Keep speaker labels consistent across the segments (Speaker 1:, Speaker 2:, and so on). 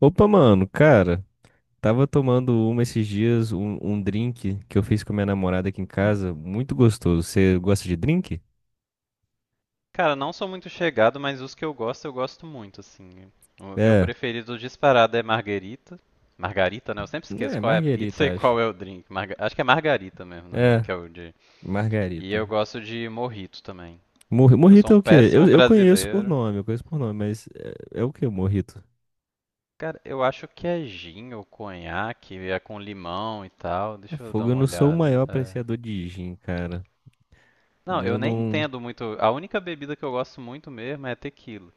Speaker 1: Opa, mano, cara, tava tomando uma esses dias, um drink que eu fiz com minha namorada aqui em casa, muito gostoso. Você gosta de drink?
Speaker 2: Cara, não sou muito chegado, mas os que eu gosto muito, assim. O meu
Speaker 1: É,
Speaker 2: preferido disparado é marguerita. Margarita, né? Eu sempre esqueço
Speaker 1: é,
Speaker 2: qual é a pizza
Speaker 1: margarita,
Speaker 2: e
Speaker 1: acho.
Speaker 2: qual é o drink. Acho que é margarita mesmo, na real,
Speaker 1: É,
Speaker 2: que é o de... E eu
Speaker 1: margarita.
Speaker 2: gosto de mojito também. Eu sou
Speaker 1: Morrito é
Speaker 2: um
Speaker 1: o quê?
Speaker 2: péssimo
Speaker 1: Eu conheço por
Speaker 2: brasileiro.
Speaker 1: nome, eu conheço por nome, mas é o quê, morrito?
Speaker 2: Cara, eu acho que é gin ou conhaque, é com limão e tal.
Speaker 1: É
Speaker 2: Deixa eu dar
Speaker 1: fogo, eu
Speaker 2: uma
Speaker 1: não sou o maior
Speaker 2: olhada. É.
Speaker 1: apreciador de gin, cara.
Speaker 2: Não,
Speaker 1: Eu
Speaker 2: eu nem
Speaker 1: não.
Speaker 2: entendo muito. A única bebida que eu gosto muito mesmo é tequila.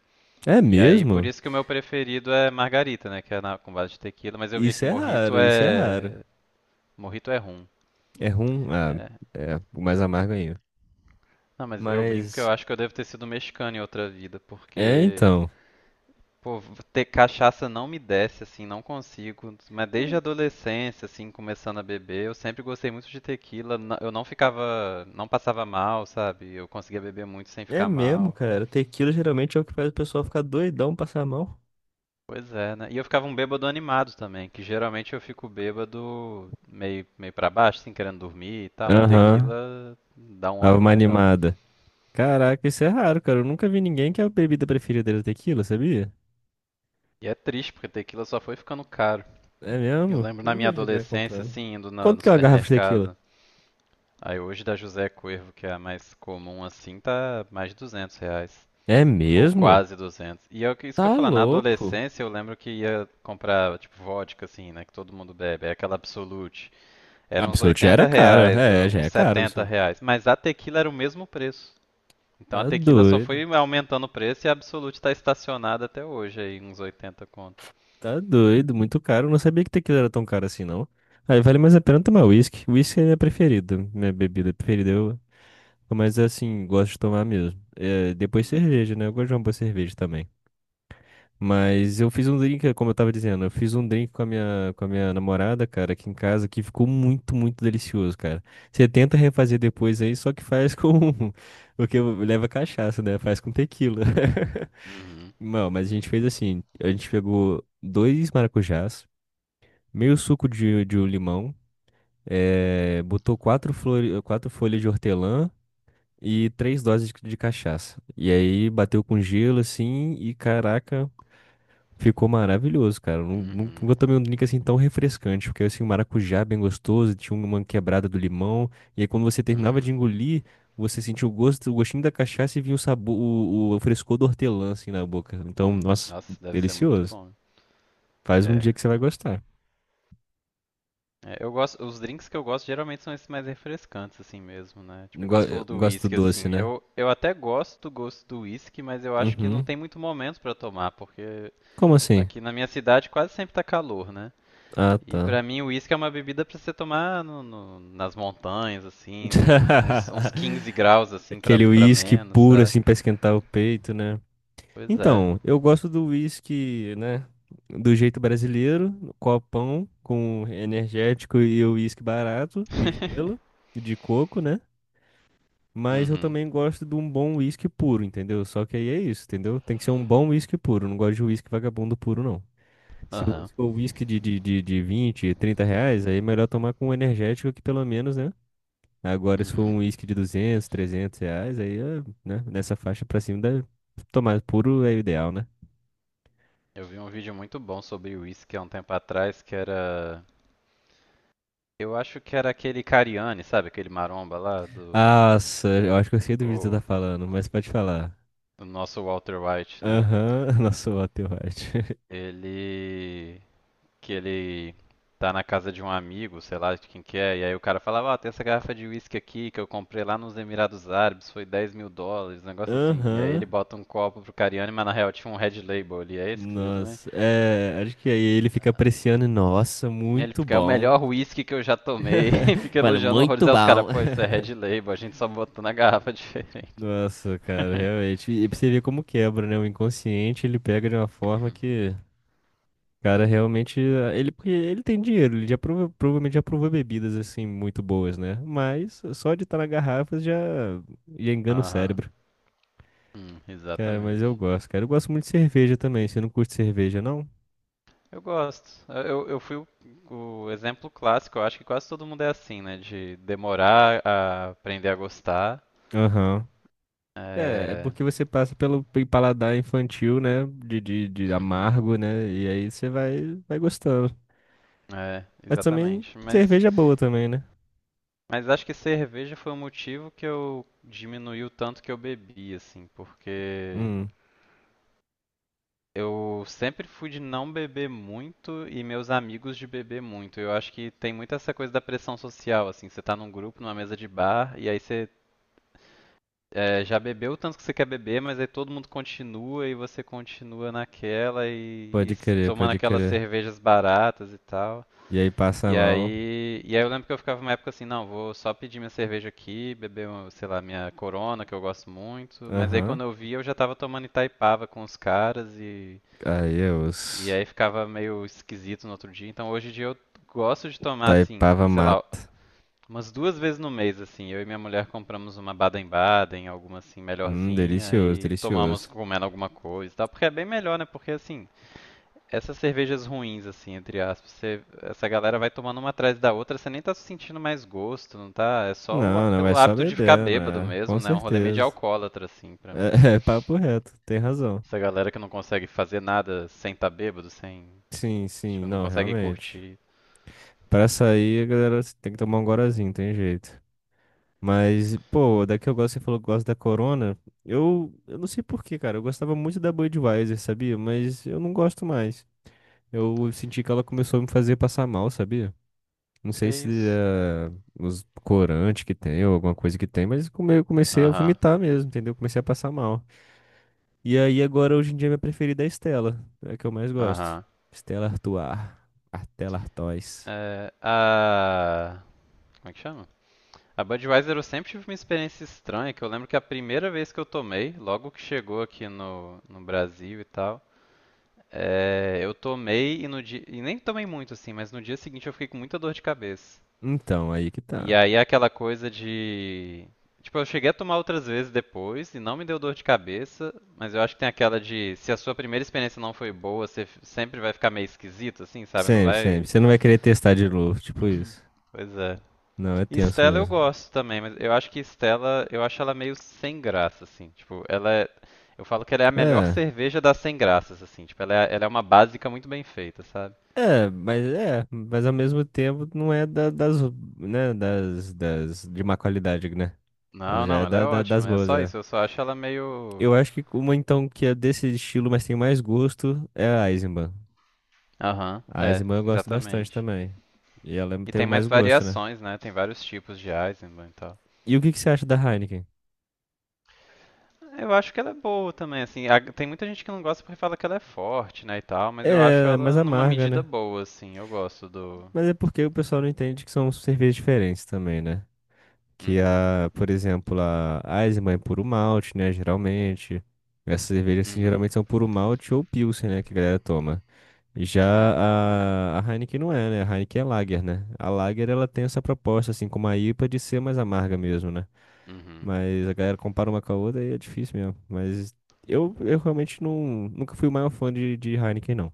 Speaker 1: É
Speaker 2: E aí, por
Speaker 1: mesmo?
Speaker 2: isso que o meu preferido é margarita, né? Que é com base de tequila, mas eu vi
Speaker 1: Isso
Speaker 2: aqui
Speaker 1: é
Speaker 2: mojito
Speaker 1: raro, isso é raro.
Speaker 2: é. Mojito é rum.
Speaker 1: É rum? Ah,
Speaker 2: É.
Speaker 1: é, o mais amargo ainda.
Speaker 2: Não, mas eu brinco que eu
Speaker 1: Mas,
Speaker 2: acho que eu devo ter sido mexicano em outra vida,
Speaker 1: é
Speaker 2: porque.
Speaker 1: então.
Speaker 2: Pô, ter cachaça não me desce, assim, não consigo. Mas desde a adolescência, assim, começando a beber, eu sempre gostei muito de tequila. Eu não ficava. Não passava mal, sabe? Eu conseguia beber muito sem
Speaker 1: É
Speaker 2: ficar
Speaker 1: mesmo,
Speaker 2: mal.
Speaker 1: cara. Tequila geralmente é o que faz o pessoal ficar doidão, passar mal.
Speaker 2: Pois é, né? E eu ficava um bêbado animado também, que geralmente eu fico bêbado meio para baixo, assim, querendo dormir e tal, mas
Speaker 1: Aham,
Speaker 2: tequila dá um
Speaker 1: dava
Speaker 2: ânimo
Speaker 1: uma
Speaker 2: legal.
Speaker 1: animada. Caraca, isso é raro, cara. Eu nunca vi ninguém que a bebida preferida dele é tequila, sabia?
Speaker 2: E é triste, porque tequila só foi ficando caro.
Speaker 1: É
Speaker 2: Eu
Speaker 1: mesmo?
Speaker 2: lembro
Speaker 1: Eu
Speaker 2: na
Speaker 1: não
Speaker 2: minha
Speaker 1: vejo ninguém
Speaker 2: adolescência,
Speaker 1: comprando.
Speaker 2: assim, indo no
Speaker 1: Quanto que é uma garrafa de tequila?
Speaker 2: supermercado. Aí hoje da José Cuervo, que é a mais comum, assim, tá mais de R$ 200.
Speaker 1: É
Speaker 2: Ou
Speaker 1: mesmo?
Speaker 2: quase 200. E é isso que eu
Speaker 1: Tá
Speaker 2: ia falar, na
Speaker 1: louco.
Speaker 2: adolescência eu lembro que ia comprar, tipo, vodka, assim, né, que todo mundo bebe. É aquela Absolute. Era uns
Speaker 1: Absolute já
Speaker 2: 80
Speaker 1: era caro.
Speaker 2: reais,
Speaker 1: É, já
Speaker 2: uns
Speaker 1: é caro,
Speaker 2: 70
Speaker 1: Absolute.
Speaker 2: reais. Mas a tequila era o mesmo preço. Então a
Speaker 1: Tá
Speaker 2: tequila só foi
Speaker 1: doido.
Speaker 2: aumentando o preço e a Absolute tá estacionada até hoje aí, uns 80 conto.
Speaker 1: Tá doido. Muito caro. Eu não sabia que tequila era tão caro assim, não. Aí vale mais a pena tomar uísque. Uísque é minha preferida. Minha bebida preferida. Eu Mas assim, gosto de tomar mesmo. É, depois
Speaker 2: Uhum.
Speaker 1: cerveja, né? Eu gosto de uma boa cerveja também. Mas eu fiz um drink, como eu tava dizendo, eu fiz um drink com a minha namorada, cara, aqui em casa, que ficou muito, muito delicioso, cara. Você tenta refazer depois aí, só que faz com. Porque leva cachaça, né? Faz com tequila.
Speaker 2: Uhum,
Speaker 1: Não, mas a gente fez assim: a gente pegou dois maracujás, meio suco de um limão, botou quatro folhas de hortelã. E três doses de cachaça. E aí bateu com gelo assim e caraca, ficou maravilhoso, cara.
Speaker 2: uhum,
Speaker 1: Nunca tomei um drink assim tão refrescante, porque assim, o maracujá é bem gostoso, tinha uma quebrada do limão, e aí quando você terminava de
Speaker 2: uhum,
Speaker 1: engolir, você sentia o gosto, o gostinho da cachaça e vinha o sabor, o frescor do hortelã assim na boca. Então,
Speaker 2: uhum.
Speaker 1: nossa,
Speaker 2: Nossa, deve ser muito
Speaker 1: delicioso.
Speaker 2: bom.
Speaker 1: Faz um
Speaker 2: É.
Speaker 1: dia que você vai gostar.
Speaker 2: É, eu gosto, os drinks que eu gosto geralmente são esses mais refrescantes, assim mesmo, né? Tipo, igual você
Speaker 1: Eu
Speaker 2: falou do
Speaker 1: gosto
Speaker 2: whisky,
Speaker 1: do doce,
Speaker 2: assim.
Speaker 1: né?
Speaker 2: Eu até gosto do whisky, mas eu acho que não
Speaker 1: Uhum.
Speaker 2: tem muito momento pra tomar, porque
Speaker 1: Como assim?
Speaker 2: aqui na minha cidade quase sempre tá calor, né?
Speaker 1: Ah,
Speaker 2: E
Speaker 1: tá.
Speaker 2: pra mim, o uísque é uma bebida pra você tomar nas montanhas, assim, no, tipo uns 15 graus, assim,
Speaker 1: Aquele
Speaker 2: pra
Speaker 1: uísque
Speaker 2: menos,
Speaker 1: puro,
Speaker 2: sabe?
Speaker 1: assim, pra esquentar o peito, né?
Speaker 2: Pois é.
Speaker 1: Então, eu gosto do uísque, né? Do jeito brasileiro, no copão, com energético e o uísque barato, e gelo, e de coco, né? Mas eu
Speaker 2: Uhum,
Speaker 1: também gosto de um bom uísque puro, entendeu? Só que aí é isso, entendeu? Tem que ser um bom uísque puro. Eu não gosto de uísque vagabundo puro, não. Se o
Speaker 2: aham,
Speaker 1: se o uísque de 20, 30 reais, aí é melhor tomar com energético que pelo menos, né? Agora, se for
Speaker 2: uhum.
Speaker 1: um uísque de 200, 300 reais, aí, é, né, nessa faixa pra cima, deve tomar puro é o ideal, né?
Speaker 2: Eu vi um vídeo muito bom sobre uísque há um tempo atrás, que era... Eu acho que era aquele Cariani, sabe? Aquele maromba lá do...
Speaker 1: Nossa, eu acho que eu sei do vídeo que você tá
Speaker 2: O,
Speaker 1: falando, mas pode falar.
Speaker 2: do nosso Walter White, né?
Speaker 1: Aham, nossa, o Walter White.
Speaker 2: Ele... Que ele tá na casa de um amigo, sei lá de quem que é, e aí o cara falava, ó, tem essa garrafa de uísque aqui que eu comprei lá nos Emirados Árabes, foi US$ 10 mil, um negócio assim. E aí ele
Speaker 1: Aham,
Speaker 2: bota um copo pro Cariani, mas na real tinha um Red Label ali, é esse que você viu também?
Speaker 1: nossa, é, acho que aí ele fica apreciando, e, nossa,
Speaker 2: E ele
Speaker 1: muito
Speaker 2: fica, é o
Speaker 1: bom.
Speaker 2: melhor uísque que eu já tomei, e fica
Speaker 1: Fala,
Speaker 2: elogiando horrores.
Speaker 1: muito
Speaker 2: Aí os
Speaker 1: bom.
Speaker 2: caras, pô, isso é Red Label, a gente só botou na garrafa diferente.
Speaker 1: Nossa, cara, realmente, e pra você ver como quebra, né? O inconsciente, ele pega de uma forma que... Cara, realmente, ele, porque ele tem dinheiro, ele já provavelmente já provou bebidas assim muito boas, né? Mas só de estar na garrafa já engana o
Speaker 2: Aham,
Speaker 1: cérebro. Cara, mas eu
Speaker 2: Exatamente.
Speaker 1: gosto, cara. Eu gosto muito de cerveja também. Você não curte cerveja, não?
Speaker 2: Eu gosto. Eu fui o exemplo clássico, eu acho que quase todo mundo é assim, né? De demorar a aprender a gostar.
Speaker 1: Aham. É
Speaker 2: É...
Speaker 1: porque você passa pelo paladar infantil, né? De
Speaker 2: Uhum.
Speaker 1: amargo, né? E aí você vai gostando.
Speaker 2: É,
Speaker 1: Mas também
Speaker 2: exatamente. Mas,
Speaker 1: cerveja é boa também, né?
Speaker 2: mas acho que cerveja foi o motivo que eu diminui o tanto que eu bebi, assim, porque
Speaker 1: Hum,
Speaker 2: eu sempre fui de não beber muito e meus amigos de beber muito. Eu acho que tem muito essa coisa da pressão social, assim, você tá num grupo, numa mesa de bar, e aí você. É, já bebeu o tanto que você quer beber, mas aí todo mundo continua e você continua naquela e,
Speaker 1: Pode
Speaker 2: e
Speaker 1: crer,
Speaker 2: tomando
Speaker 1: pode
Speaker 2: aquelas
Speaker 1: crer.
Speaker 2: cervejas baratas e tal.
Speaker 1: E aí passa
Speaker 2: E
Speaker 1: mal.
Speaker 2: aí, e aí eu lembro que eu ficava uma época assim, não, vou só pedir minha cerveja aqui, beber, uma, sei lá, minha Corona, que eu gosto muito. Mas aí
Speaker 1: Aham.
Speaker 2: quando eu vi, eu já tava tomando Itaipava com os caras
Speaker 1: Aí é
Speaker 2: e
Speaker 1: osso.
Speaker 2: aí ficava meio esquisito no outro dia. Então hoje em dia eu gosto de tomar assim,
Speaker 1: Taipava
Speaker 2: sei lá.
Speaker 1: mata.
Speaker 2: Umas duas vezes no mês, assim, eu e minha mulher compramos uma Baden-Baden, alguma assim melhorzinha
Speaker 1: Delicioso,
Speaker 2: e tomamos
Speaker 1: delicioso.
Speaker 2: comendo alguma coisa e tal, porque é bem melhor, né? Porque assim, essas cervejas ruins, assim, entre aspas, essa galera vai tomando uma atrás da outra, você nem tá sentindo mais gosto, não tá? É só
Speaker 1: Não, não é
Speaker 2: pelo
Speaker 1: só
Speaker 2: hábito de ficar
Speaker 1: bebendo,
Speaker 2: bêbado
Speaker 1: é, com
Speaker 2: mesmo, né? Um rolê meio de
Speaker 1: certeza.
Speaker 2: alcoólatra, assim, pra mim.
Speaker 1: É, é papo reto, tem razão.
Speaker 2: Essa galera que não consegue fazer nada sem tá bêbado, sem,
Speaker 1: Sim, sim,
Speaker 2: tipo, não
Speaker 1: não,
Speaker 2: consegue
Speaker 1: realmente.
Speaker 2: curtir.
Speaker 1: Pra sair, a galera tem que tomar um gorazinho, tem jeito. Mas, pô, daqui eu gosto, você falou que gosta da Corona. Eu não sei por quê, cara. Eu gostava muito da Budweiser, sabia? Mas eu não gosto mais. Eu senti que ela começou a me fazer passar mal, sabia? Não
Speaker 2: Que
Speaker 1: sei se
Speaker 2: isso?
Speaker 1: é os corantes que tem ou alguma coisa que tem, mas eu comecei a
Speaker 2: Aham,
Speaker 1: vomitar mesmo, entendeu? Comecei a passar mal. E aí agora hoje em dia minha preferida é a Stella, é a que eu mais gosto.
Speaker 2: aham.
Speaker 1: Stella Artois, Artella Artois.
Speaker 2: É, a... Como é que chama? A Budweiser eu sempre tive uma experiência estranha, que eu lembro que a primeira vez que eu tomei, logo que chegou aqui no Brasil e tal, é, eu tomei e no dia, e nem tomei muito assim, mas no dia seguinte eu fiquei com muita dor de cabeça.
Speaker 1: Então, aí que
Speaker 2: E
Speaker 1: tá.
Speaker 2: aí aquela coisa de, tipo, eu cheguei a tomar outras vezes depois e não me deu dor de cabeça, mas eu acho que tem aquela de se a sua primeira experiência não foi boa, você sempre vai ficar meio esquisito assim, sabe? Não
Speaker 1: Sempre, sempre.
Speaker 2: vai,
Speaker 1: Você não vai querer testar de novo, tipo isso.
Speaker 2: pois é.
Speaker 1: Não, é
Speaker 2: E
Speaker 1: tenso
Speaker 2: Stella eu
Speaker 1: mesmo.
Speaker 2: gosto também, mas eu acho que Stella, eu acho ela meio sem graça, assim. Tipo, ela é. Eu falo que ela é a melhor
Speaker 1: É.
Speaker 2: cerveja das sem graças, assim. Tipo, ela é uma básica muito bem feita, sabe?
Speaker 1: É, mas ao mesmo tempo não é das, né, das de má qualidade, né? Ela
Speaker 2: Não,
Speaker 1: já
Speaker 2: não,
Speaker 1: é
Speaker 2: ela é
Speaker 1: das
Speaker 2: ótima. É
Speaker 1: boas,
Speaker 2: só
Speaker 1: é.
Speaker 2: isso. Eu só acho ela meio.
Speaker 1: Eu acho que uma então que é desse estilo, mas tem mais gosto, é a Eisenbahn.
Speaker 2: Aham,
Speaker 1: A
Speaker 2: é,
Speaker 1: Eisenbahn eu gosto bastante
Speaker 2: exatamente.
Speaker 1: também. E ela
Speaker 2: E
Speaker 1: tem
Speaker 2: tem
Speaker 1: mais
Speaker 2: mais
Speaker 1: gosto, né?
Speaker 2: variações, né? Tem vários tipos de Eisenbahn e tal.
Speaker 1: E o que que você acha da Heineken?
Speaker 2: Eu acho que ela é boa também, assim. Tem muita gente que não gosta porque fala que ela é forte, né, e tal, mas eu acho
Speaker 1: É mais
Speaker 2: ela numa
Speaker 1: amarga,
Speaker 2: medida
Speaker 1: né?
Speaker 2: boa, assim. Eu gosto do.
Speaker 1: Mas é porque o pessoal não entende que são cervejas diferentes também, né? Que
Speaker 2: Uhum,
Speaker 1: a, por exemplo, a Eisenbahn é puro malte, né? Geralmente. Essas cervejas assim,
Speaker 2: uhum,
Speaker 1: geralmente são puro malte ou pilsen, né? Que a galera toma.
Speaker 2: uhum,
Speaker 1: Já a Heineken não é, né? A Heineken é Lager, né? A Lager ela tem essa proposta, assim, como a IPA, de ser mais amarga mesmo, né?
Speaker 2: uhum.
Speaker 1: Mas a galera compara uma com a outra e é difícil mesmo. Mas eu realmente não, nunca fui o maior fã de Heineken, não.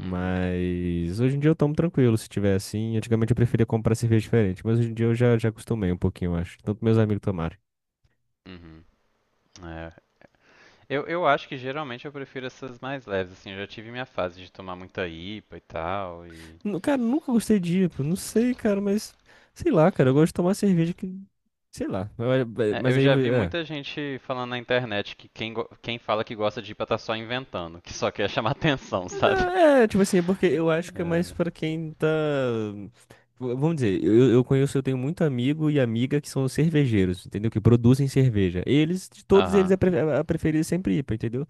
Speaker 2: Uhum,
Speaker 1: hoje em dia eu tomo tranquilo, se tiver assim. Antigamente eu preferia comprar cerveja diferente, mas hoje em dia eu já acostumei um pouquinho, eu acho. Tanto meus amigos tomarem.
Speaker 2: uhum. É. Eu acho que geralmente eu prefiro essas mais leves, assim, eu já tive minha fase de tomar muita IPA e tal, e...
Speaker 1: Cara, nunca gostei de IPA, não sei, cara, mas sei lá, cara, eu gosto de tomar cerveja que. Sei lá,
Speaker 2: É,
Speaker 1: mas
Speaker 2: eu
Speaker 1: aí.
Speaker 2: já vi
Speaker 1: É.
Speaker 2: muita gente falando na internet que quem fala que gosta de IPA tá só inventando, que só quer chamar atenção,
Speaker 1: Não,
Speaker 2: sabe?
Speaker 1: é, tipo assim, é porque eu acho que é mais
Speaker 2: É.
Speaker 1: pra quem tá. Vamos dizer, eu conheço, eu tenho muito amigo e amiga que são cervejeiros, entendeu? Que produzem cerveja. Eles, de todos eles,
Speaker 2: Aham,
Speaker 1: a preferida é sempre IPA, entendeu?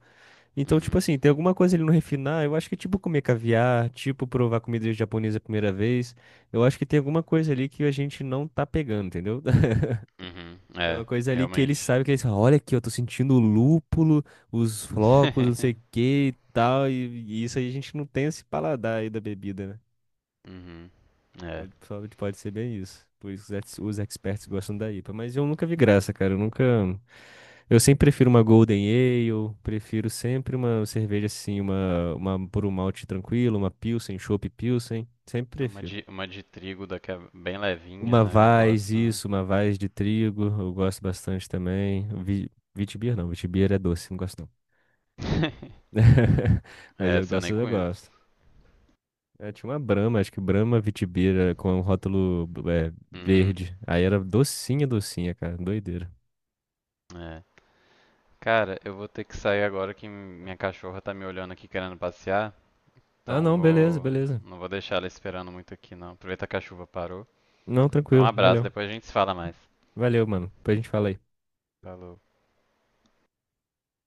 Speaker 1: Então, tipo
Speaker 2: uhum,
Speaker 1: assim, tem alguma coisa ele não refinar, eu acho que é tipo comer caviar, tipo provar comida japonesa a primeira vez, eu acho que tem alguma coisa ali que a gente não tá pegando, entendeu?
Speaker 2: uhum,
Speaker 1: É uma
Speaker 2: é,
Speaker 1: coisa ali que ele
Speaker 2: realmente.
Speaker 1: sabe que ele falam, olha aqui, eu tô sentindo o lúpulo, os flocos, não sei o que e tal. E isso aí a gente não tem esse paladar aí da bebida, né?
Speaker 2: Uhum, é.
Speaker 1: Pode, pode ser bem isso. Por isso os experts gostam da IPA. Mas eu nunca vi graça, cara. Eu nunca. Eu sempre prefiro uma Golden Ale, prefiro sempre uma cerveja assim, uma por um malte tranquilo, uma Pilsen, Chopp Pilsen. Sempre
Speaker 2: Uma
Speaker 1: prefiro.
Speaker 2: de, uma de trigo da que é bem levinha, né? Eu gosto, né?
Speaker 1: Isso, uma vaz de trigo, eu gosto bastante também. Vitibir não, Vitibir é doce, não gosto não. Mas
Speaker 2: É,
Speaker 1: eu
Speaker 2: essa eu
Speaker 1: gosto,
Speaker 2: nem
Speaker 1: eu
Speaker 2: conheço.
Speaker 1: gosto. É, tinha uma Brahma, acho que Brahma vitibira com um rótulo é,
Speaker 2: Uhum,
Speaker 1: verde. Aí era docinha, docinha, cara, doideira.
Speaker 2: é. Cara, eu vou ter que sair agora que minha cachorra tá me olhando aqui querendo passear,
Speaker 1: Ah,
Speaker 2: então
Speaker 1: não, beleza,
Speaker 2: vou,
Speaker 1: beleza.
Speaker 2: não vou deixar ela esperando muito aqui não. Aproveita que a chuva parou.
Speaker 1: Não,
Speaker 2: Um
Speaker 1: tranquilo,
Speaker 2: abraço,
Speaker 1: valeu.
Speaker 2: depois a gente se fala mais.
Speaker 1: Valeu, mano. Depois a gente fala aí.
Speaker 2: Falou.